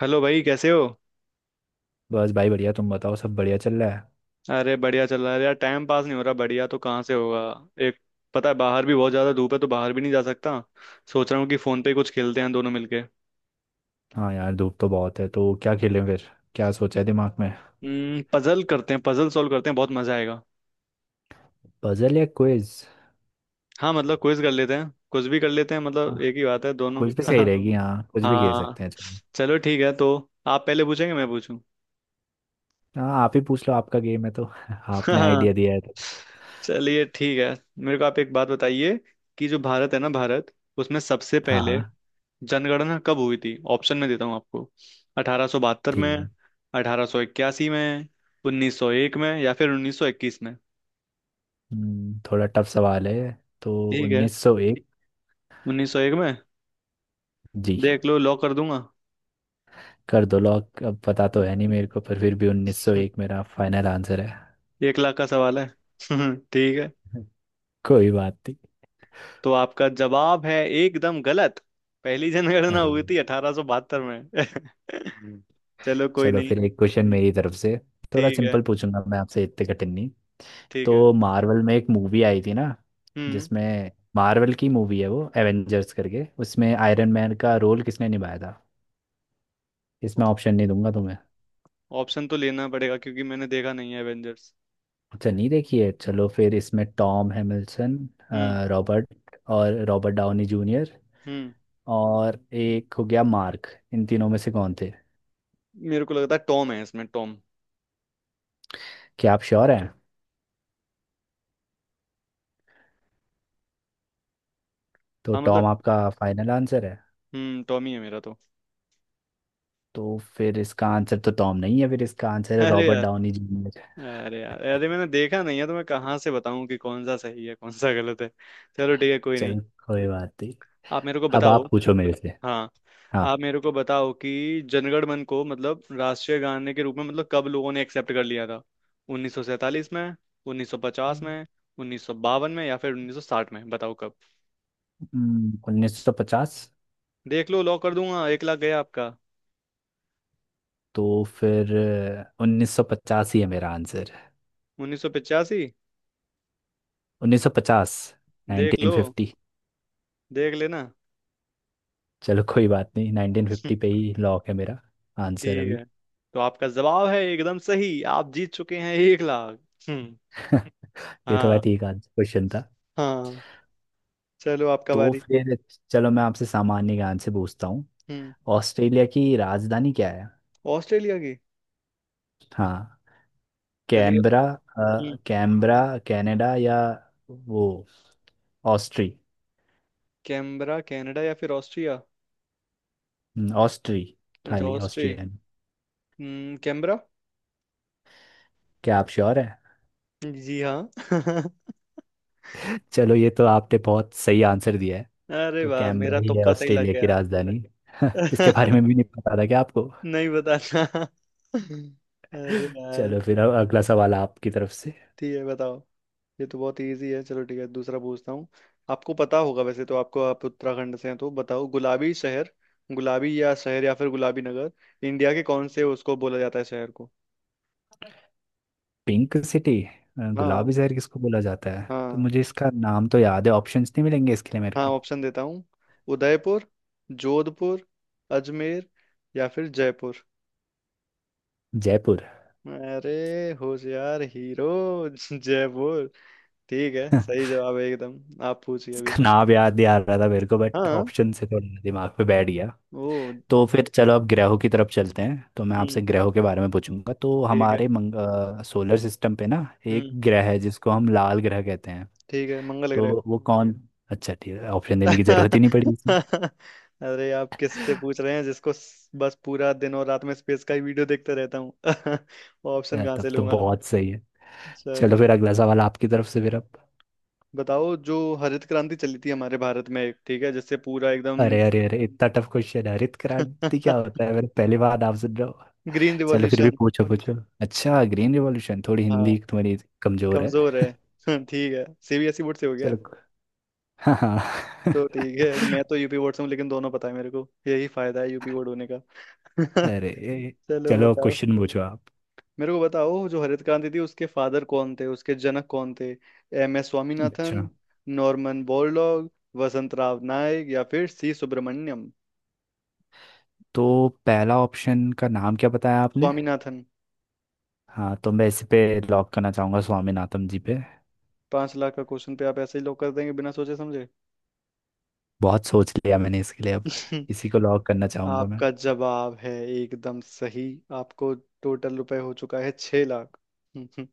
Hello भाई कैसे हो। बस भाई, बढ़िया। तुम बताओ, सब बढ़िया चल रहा है। अरे बढ़िया चल रहा है यार। टाइम पास नहीं हो रहा, बढ़िया तो कहाँ से होगा। एक पता है, बाहर भी बहुत ज़्यादा धूप है तो बाहर भी नहीं जा सकता। सोच रहा हूँ कि फ़ोन पे ही कुछ खेलते हैं दोनों मिलके। हाँ यार, धूप तो बहुत है, तो क्या खेलें फिर? क्या सोचा है दिमाग में? पजल करते हैं, पजल सॉल्व करते हैं, बहुत मज़ा आएगा। पजल या क्विज? हाँ मतलब क्विज कर लेते हैं, कुछ भी कर लेते हैं, हाँ, मतलब एक ही बात है दोनों। क्विज कुछ भी सही बता दो, रहेगी। हाँ, कुछ भी खेल हाँ। सकते हैं, चलो। चलो ठीक है, तो आप पहले पूछेंगे मैं पूछूं। हाँ, आप ही पूछ लो, आपका गेम है तो। आपने आइडिया हाँ। दिया है तो। चलिए ठीक है। मेरे को आप एक बात बताइए कि जो भारत है ना, भारत उसमें सबसे हाँ पहले हाँ। जनगणना कब हुई थी। ऑप्शन में देता हूँ आपको। 1872 ठीक में, है। 1881 में, 1901 में या फिर 1921 में। थोड़ा टफ सवाल है। तो ठीक है। 1901। 1901 में। जी। देख लो, लॉक कर दूंगा। कर दो लॉक, अब पता तो है नहीं मेरे को, पर फिर भी 1901 मेरा फाइनल आंसर है। 1 लाख का सवाल है। ठीक है। कोई बात नहीं। तो आपका जवाब है एकदम गलत। पहली जनगणना हुई अरे। थी 1872 में। चलो कोई चलो नहीं। फिर एक क्वेश्चन मेरी तरफ से। थोड़ा ठीक है। सिंपल पूछूंगा मैं आपसे, इतने कठिन नहीं। ठीक है। तो मार्वल में एक मूवी आई थी ना, हम्म। जिसमें मार्वल की मूवी है वो एवेंजर्स करके, उसमें आयरन मैन का रोल किसने निभाया था? इसमें ऑप्शन नहीं दूंगा तुम्हें। ऑप्शन तो लेना पड़ेगा क्योंकि मैंने देखा नहीं है एवेंजर्स। अच्छा नहीं देखी है, चलो फिर इसमें टॉम हैमिल्सन, हम्म। रॉबर्ट, और रॉबर्ट डाउनी जूनियर, हम्म। और एक हो गया मार्क। इन तीनों में से कौन थे? मेरे को लगता है टॉम है, इसमें टॉम। क्या आप श्योर हैं? तो हाँ मतलब। टॉम आपका फाइनल आंसर है। टॉम ही है मेरा तो। तो फिर इसका आंसर तो टॉम नहीं है, फिर इसका आंसर है अरे रॉबर्ट यार। Downey Junior. अरे यार, अरे मैंने देखा नहीं है तो मैं कहाँ से बताऊं कि कौन सा सही है कौन सा गलत है। चलो ठीक है कोई नहीं। चल, कोई बात नहीं। आप मेरे को अब बताओ। आप पूछो मेरे से। हाँ। आप मेरे को बताओ कि जनगण मन को मतलब राष्ट्रीय गाने के रूप में मतलब कब लोगों ने एक्सेप्ट कर लिया था। 1947 में, 1950 हाँ। में, 1952 में या फिर 1960 में, बताओ कब। 1950। देख लो, लॉक कर दूंगा, 1 लाख गया आपका। तो फिर 1950 ही है मेरा आंसर। 1985। 1950। देख नाइनटीन लो, फिफ्टी देख लेना। चलो कोई बात नहीं, 1950 पे ही लॉक है मेरा आंसर ठीक अभी। है। तो आपका जवाब है एकदम सही, आप जीत चुके हैं 1 लाख। हम्म। ये थोड़ा हाँ। ठीक आंसर क्वेश्चन था। हाँ। चलो आपका तो बारी। फिर चलो, मैं आपसे सामान्य ज्ञान से पूछता हूँ। हम्म। ऑस्ट्रेलिया की राजधानी क्या है? ऑस्ट्रेलिया की। हाँ, चलिए। कैनबरा। हम्म, कैनबरा, कनाडा, या वो ऑस्ट्री। कैनबरा कनाडा या फिर ऑस्ट्रिया। ऑस्ट्री, अच्छा खाली ऑस्ट्री। ऑस्ट्रियन। कैनबरा। क्या आप श्योर है? जी हाँ। चलो, ये तो आपने बहुत सही आंसर दिया है। अरे तो वाह, कैनबरा मेरा ही है तुक्का सही लग ऑस्ट्रेलिया की गया। राजधानी। इसके बारे में भी नहीं पता था क्या आपको? नहीं बताना। अरे यार। चलो फिर अब अगला सवाल आपकी तरफ से। ठीक है बताओ। ये तो बहुत इजी है, चलो ठीक है दूसरा पूछता हूँ। आपको पता होगा, वैसे तो आपको, आप उत्तराखंड से हैं तो बताओ, गुलाबी शहर, गुलाबी या शहर या फिर गुलाबी नगर, इंडिया के कौन से, उसको बोला जाता है शहर को। Pink city. हाँ। गुलाबी शहर किसको बोला जाता है तो हाँ। मुझे इसका नाम तो याद है, ऑप्शंस नहीं मिलेंगे इसके लिए मेरे हाँ। को। ऑप्शन देता हूँ। उदयपुर, जोधपुर, अजमेर या फिर जयपुर। जयपुर। अरे होशियार हीरो। जयपुर। ठीक है सही जवाब है एकदम, आप पूछिए इसका अभी। नाम याद नहीं आ रहा था मेरे को, बट हाँ। ऑप्शन से थोड़ा दिमाग पे बैठ गया। ओ। तो फिर चलो अब ग्रहों की तरफ चलते हैं, तो मैं आपसे हम्म ग्रहों के बारे में पूछूंगा। तो ठीक है। हमारे सोलर सिस्टम पे ना एक हम्म ग्रह है जिसको हम लाल ग्रह कहते हैं, ठीक है, मंगल ग्रह। तो वो कौन? अच्छा ठीक है, ऑप्शन देने की जरूरत ही नहीं पड़ी इसमें। अरे आप किससे पूछ रहे हैं, जिसको बस पूरा दिन और रात में स्पेस का ही वीडियो देखते रहता हूँ। ऑप्शन कहाँ तब से तो लूंगा। बहुत सही है। चलो चलो। फिर अगला सवाल आपकी तरफ से फिर अब। बताओ, जो हरित क्रांति चली थी हमारे भारत में ठीक है, जिससे पूरा एकदम। अरे अरे अरे, इतना टफ क्वेश्चन है। हरित क्रांति क्या होता है? मैंने पहली बार आपसे ड्रॉ। ग्रीन चलो फिर भी रिवॉल्यूशन। पूछो पूछो। अच्छा, ग्रीन रिवॉल्यूशन, थोड़ी हाँ हिंदी तुम्हारी कमजोर है। कमजोर है। ठीक है सीबीएसई बोर्ड से हो गया। चलो। हाँ हाँ। तो ठीक है, मैं तो यूपी बोर्ड से हूँ, लेकिन दोनों पता है मेरे को, यही फायदा है यूपी बोर्ड होने का। अरे, चलो। चलो क्वेश्चन पूछो आप। मेरे को बताओ, जो हरित क्रांति थी उसके फादर कौन थे, उसके जनक कौन थे। M S स्वामीनाथन, अच्छा नॉर्मन बोरलॉग, वसंत राव नायक या फिर सी सुब्रमण्यम। तो पहला ऑप्शन का नाम क्या बताया आपने? स्वामीनाथन। हाँ, तो मैं इस पे लॉक करना चाहूंगा, स्वामीनाथन जी पे। 5 लाख का क्वेश्चन पे आप ऐसे ही लोग कर देंगे बिना सोचे समझे। बहुत सोच लिया मैंने इसके लिए अब, इसी को लॉक करना चाहूंगा मैं। आपका जवाब है एकदम सही। आपको टोटल रुपए हो चुका है 6 लाख।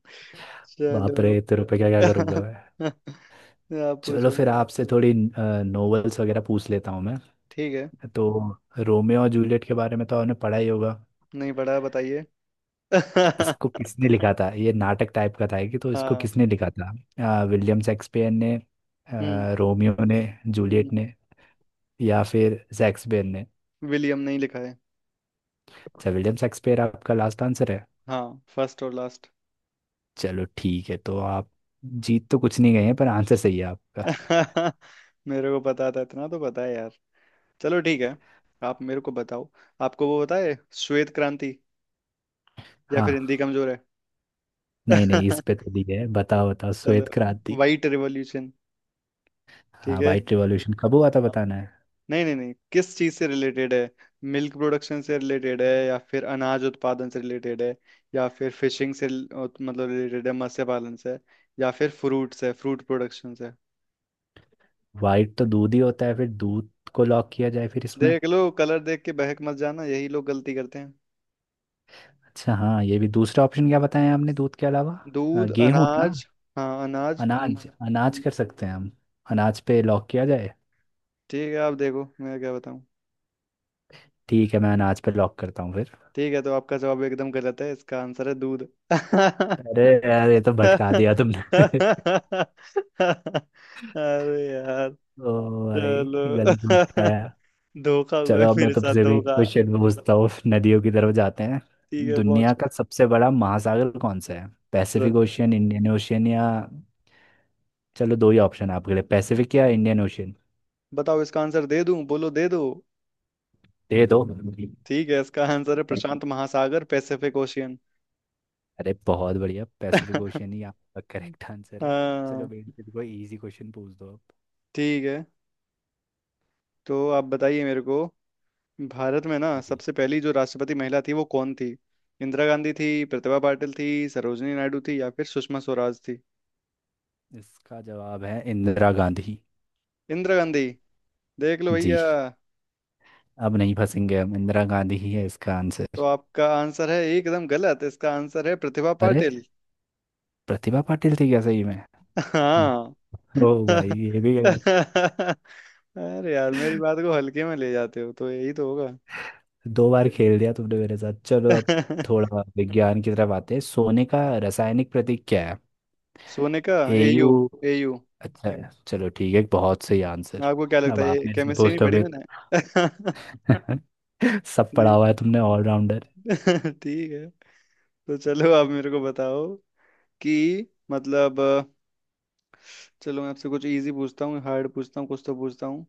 बाप रे, चलो। तेरे पे क्या क्या करूंगा मैं। आप चलो पूछो। फिर आपसे थोड़ी नॉवेल्स वगैरह पूछ लेता हूँ मैं। ठीक है। तो रोमियो और जूलियट के बारे में तो आपने पढ़ा ही होगा। नहीं पढ़ा है, बताइए। हाँ। इसको किसने लिखा था? ये नाटक टाइप का था कि, तो इसको किसने लिखा था? विलियम शेक्सपियर ने, हम्म। रोमियो ने, हम्म। जूलियट ने, या फिर शेक्सपियर ने। विलियम नहीं लिखा है। अच्छा, विलियम शेक्सपियर आपका लास्ट आंसर है। हाँ फर्स्ट और लास्ट। चलो ठीक है, तो आप जीत तो कुछ नहीं गए हैं, पर आंसर सही है आपका। मेरे को पता था, इतना तो पता है यार। चलो ठीक है। आप मेरे को बताओ, आपको वो पता है, श्वेत क्रांति, या फिर हाँ। हिंदी कमजोर है। नहीं नहीं, इस पे तो दी है, बताओ बताओ चलो। श्वेत क्रांति। White revolution. ठीक हाँ, है। व्हाइट रिवॉल्यूशन कब हुआ था हाँ। बताना है। नहीं नहीं नहीं, किस चीज से रिलेटेड है। मिल्क प्रोडक्शन से रिलेटेड है, या फिर अनाज उत्पादन से रिलेटेड है, या फिर फिशिंग से मतलब रिलेटेड है मत्स्य पालन से, या फिर फ्रूट से, फ्रूट प्रोडक्शन से। वाइट तो दूध ही होता है, फिर दूध को लॉक किया जाए फिर इसमें। देख लो, कलर देख के बहक मत जाना, यही लोग गलती करते। अच्छा हाँ, ये भी दूसरा ऑप्शन क्या बताया आपने दूध के अलावा? दूध, गेहूं ना। अनाज। हाँ अनाज अनाज, अनाज न- कर सकते हैं हम, अनाज पे लॉक किया जाए। ठीक है, आप देखो, मैं क्या बताऊं। ठीक है, मैं अनाज पे लॉक करता हूँ फिर। ठीक है, तो आपका जवाब एकदम गलत है, इसका आंसर है दूध। अरे यार, ये तो भटका दिया तुमने। अरे यार। ओ भाई, ये गलत चलो। मटकाया। धोखा हुआ है चलो अब मैं मेरे साथ, तुमसे भी धोखा। क्वेश्चन पूछता हूँ, नदियों की तरफ जाते हैं। ठीक है दुनिया पहुंचो। का सबसे बड़ा महासागर कौन सा है? पैसिफिक ओशियन, इंडियन ओशियन, या चलो दो ही ऑप्शन है आपके लिए, पैसिफिक या इंडियन ओशियन। बताओ, इसका आंसर दे दूं, बोलो दे दो। दे दो। ठीक है, इसका आंसर है प्रशांत महासागर, पैसिफिक ओशियन। अरे बहुत बढ़िया, पैसिफिक ओशियन ही आपका करेक्ट आंसर है। चलो हाँ। बेटे, कोई इजी क्वेश्चन पूछ दो अब। ठीक है। तो आप बताइए मेरे को, भारत में ना जी। सबसे पहली जो राष्ट्रपति महिला थी वो कौन थी। इंदिरा गांधी थी, प्रतिभा पाटिल थी, सरोजिनी नायडू थी या फिर सुषमा स्वराज थी। इसका जवाब है इंदिरा गांधी। इंदिरा गांधी। देख लो जी। भैया। अब नहीं फंसेंगे हम, इंदिरा गांधी ही है इसका आंसर। तो आपका आंसर है एकदम गलत, इसका आंसर है प्रतिभा अरे, पाटिल। प्रतिभा पाटिल थी क्या सही में? हाँ। ओ भाई, ये भी गलत। अरे यार, मेरी बात को हल्के में ले जाते हो तो यही तो होगा। दो बार खेल दिया तुमने मेरे साथ। चलो अब थोड़ा विज्ञान की तरफ आते हैं। सोने का रासायनिक प्रतीक क्या है? सोने का। एयू। एयू। एयू। अच्छा है। चलो ठीक है, बहुत सही आंसर। आपको क्या लगता अब है, आप ये मेरे से केमिस्ट्री नहीं पूछ लो पढ़ी फिर। मैंने। सब पढ़ा जी। हुआ है तुमने, ऑलराउंडर। ठीक है। तो चलो, आप मेरे को बताओ कि मतलब चलो मैं आपसे कुछ इजी पूछता हूँ, हार्ड पूछता हूँ, कुछ तो पूछता हूँ।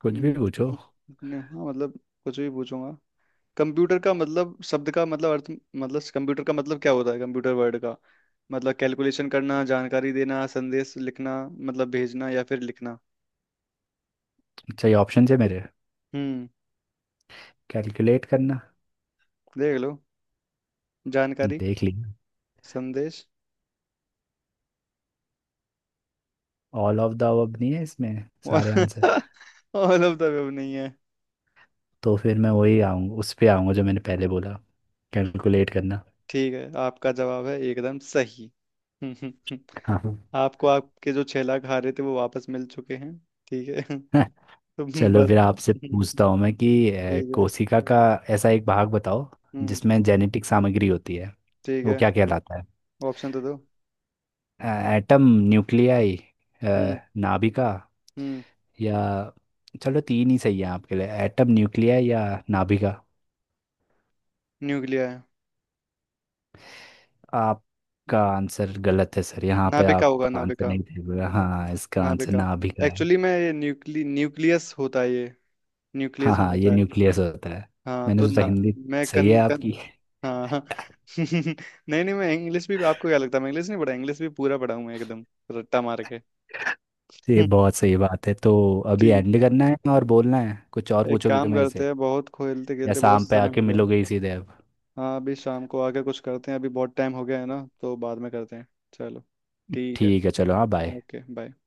कुछ भी पूछो। हम्म, नहीं, हाँ मतलब, कुछ भी पूछूंगा। कंप्यूटर का मतलब, शब्द का मतलब, अर्थ, मतलब कंप्यूटर का मतलब क्या होता है, कंप्यूटर वर्ड का मतलब। कैलकुलेशन करना, जानकारी देना, संदेश लिखना मतलब भेजना, या फिर लिखना। अच्छा ये ऑप्शन है मेरे। हम्म। कैलकुलेट करना, देख लो। जानकारी। देख लिया। संदेश। ऑल ऑफ द अब नहीं है इसमें, सारे और। आंसर। ऑल ऑफ द नहीं है। तो फिर मैं वही आऊँगा, उस पे आऊँगा जो मैंने पहले बोला, कैलकुलेट करना। ठीक है, आपका जवाब है एकदम सही। हाँ। आपको, आपके जो 6 लाख हारे थे वो वापस मिल चुके हैं। ठीक है। तो चलो बस, फिर आपसे पूछता हूँ मैं कि ठीक है। कोशिका का ऐसा एक भाग बताओ हम्म। जिसमें जेनेटिक सामग्री होती है, ठीक वो है। क्या कहलाता ऑप्शन तो दो। है? एटम, न्यूक्लियाई, हम्म। नाभिका, हम्म। या चलो तीन ही सही है आपके लिए, एटम, न्यूक्लियाई, या नाभिका। न्यूक्लिया है। आपका आंसर गलत है सर, यहाँ पे नाभिका आप होगा, आंसर नाभिका, नहीं दे रहे हो। हाँ, इसका आंसर नाभिका। नाभिका। एक्चुअली मैं ये न्यूक्ली न्यूक्लियस होता है ये, हाँ न्यूक्लियस में हाँ, ये होता है। न्यूक्लियस होता है। हाँ मैंने तो सोचा ना, हिंदी मैं सही कन है कन आपकी। हाँ हाँ। नहीं नहीं, मैं इंग्लिश भी, आपको क्या लगता है मैं इंग्लिश नहीं पढ़ा, इंग्लिश भी पूरा पढ़ा हूँ मैं, एकदम रट्टा मार के। ये बहुत सही बात है तो। अभी ठीक। एंड करना है और बोलना है, कुछ और एक पूछोगे काम मेरे करते से? हैं, बहुत खेलते या खेलते, बहुत शाम पे समय आके हो गया। मिलोगे ही सीधे अब? हाँ, अभी शाम को आके कुछ करते हैं, अभी बहुत टाइम हो गया है ना तो बाद में करते हैं। चलो। ठीक है। ठीक है चलो, हाँ बाय। Okay bye.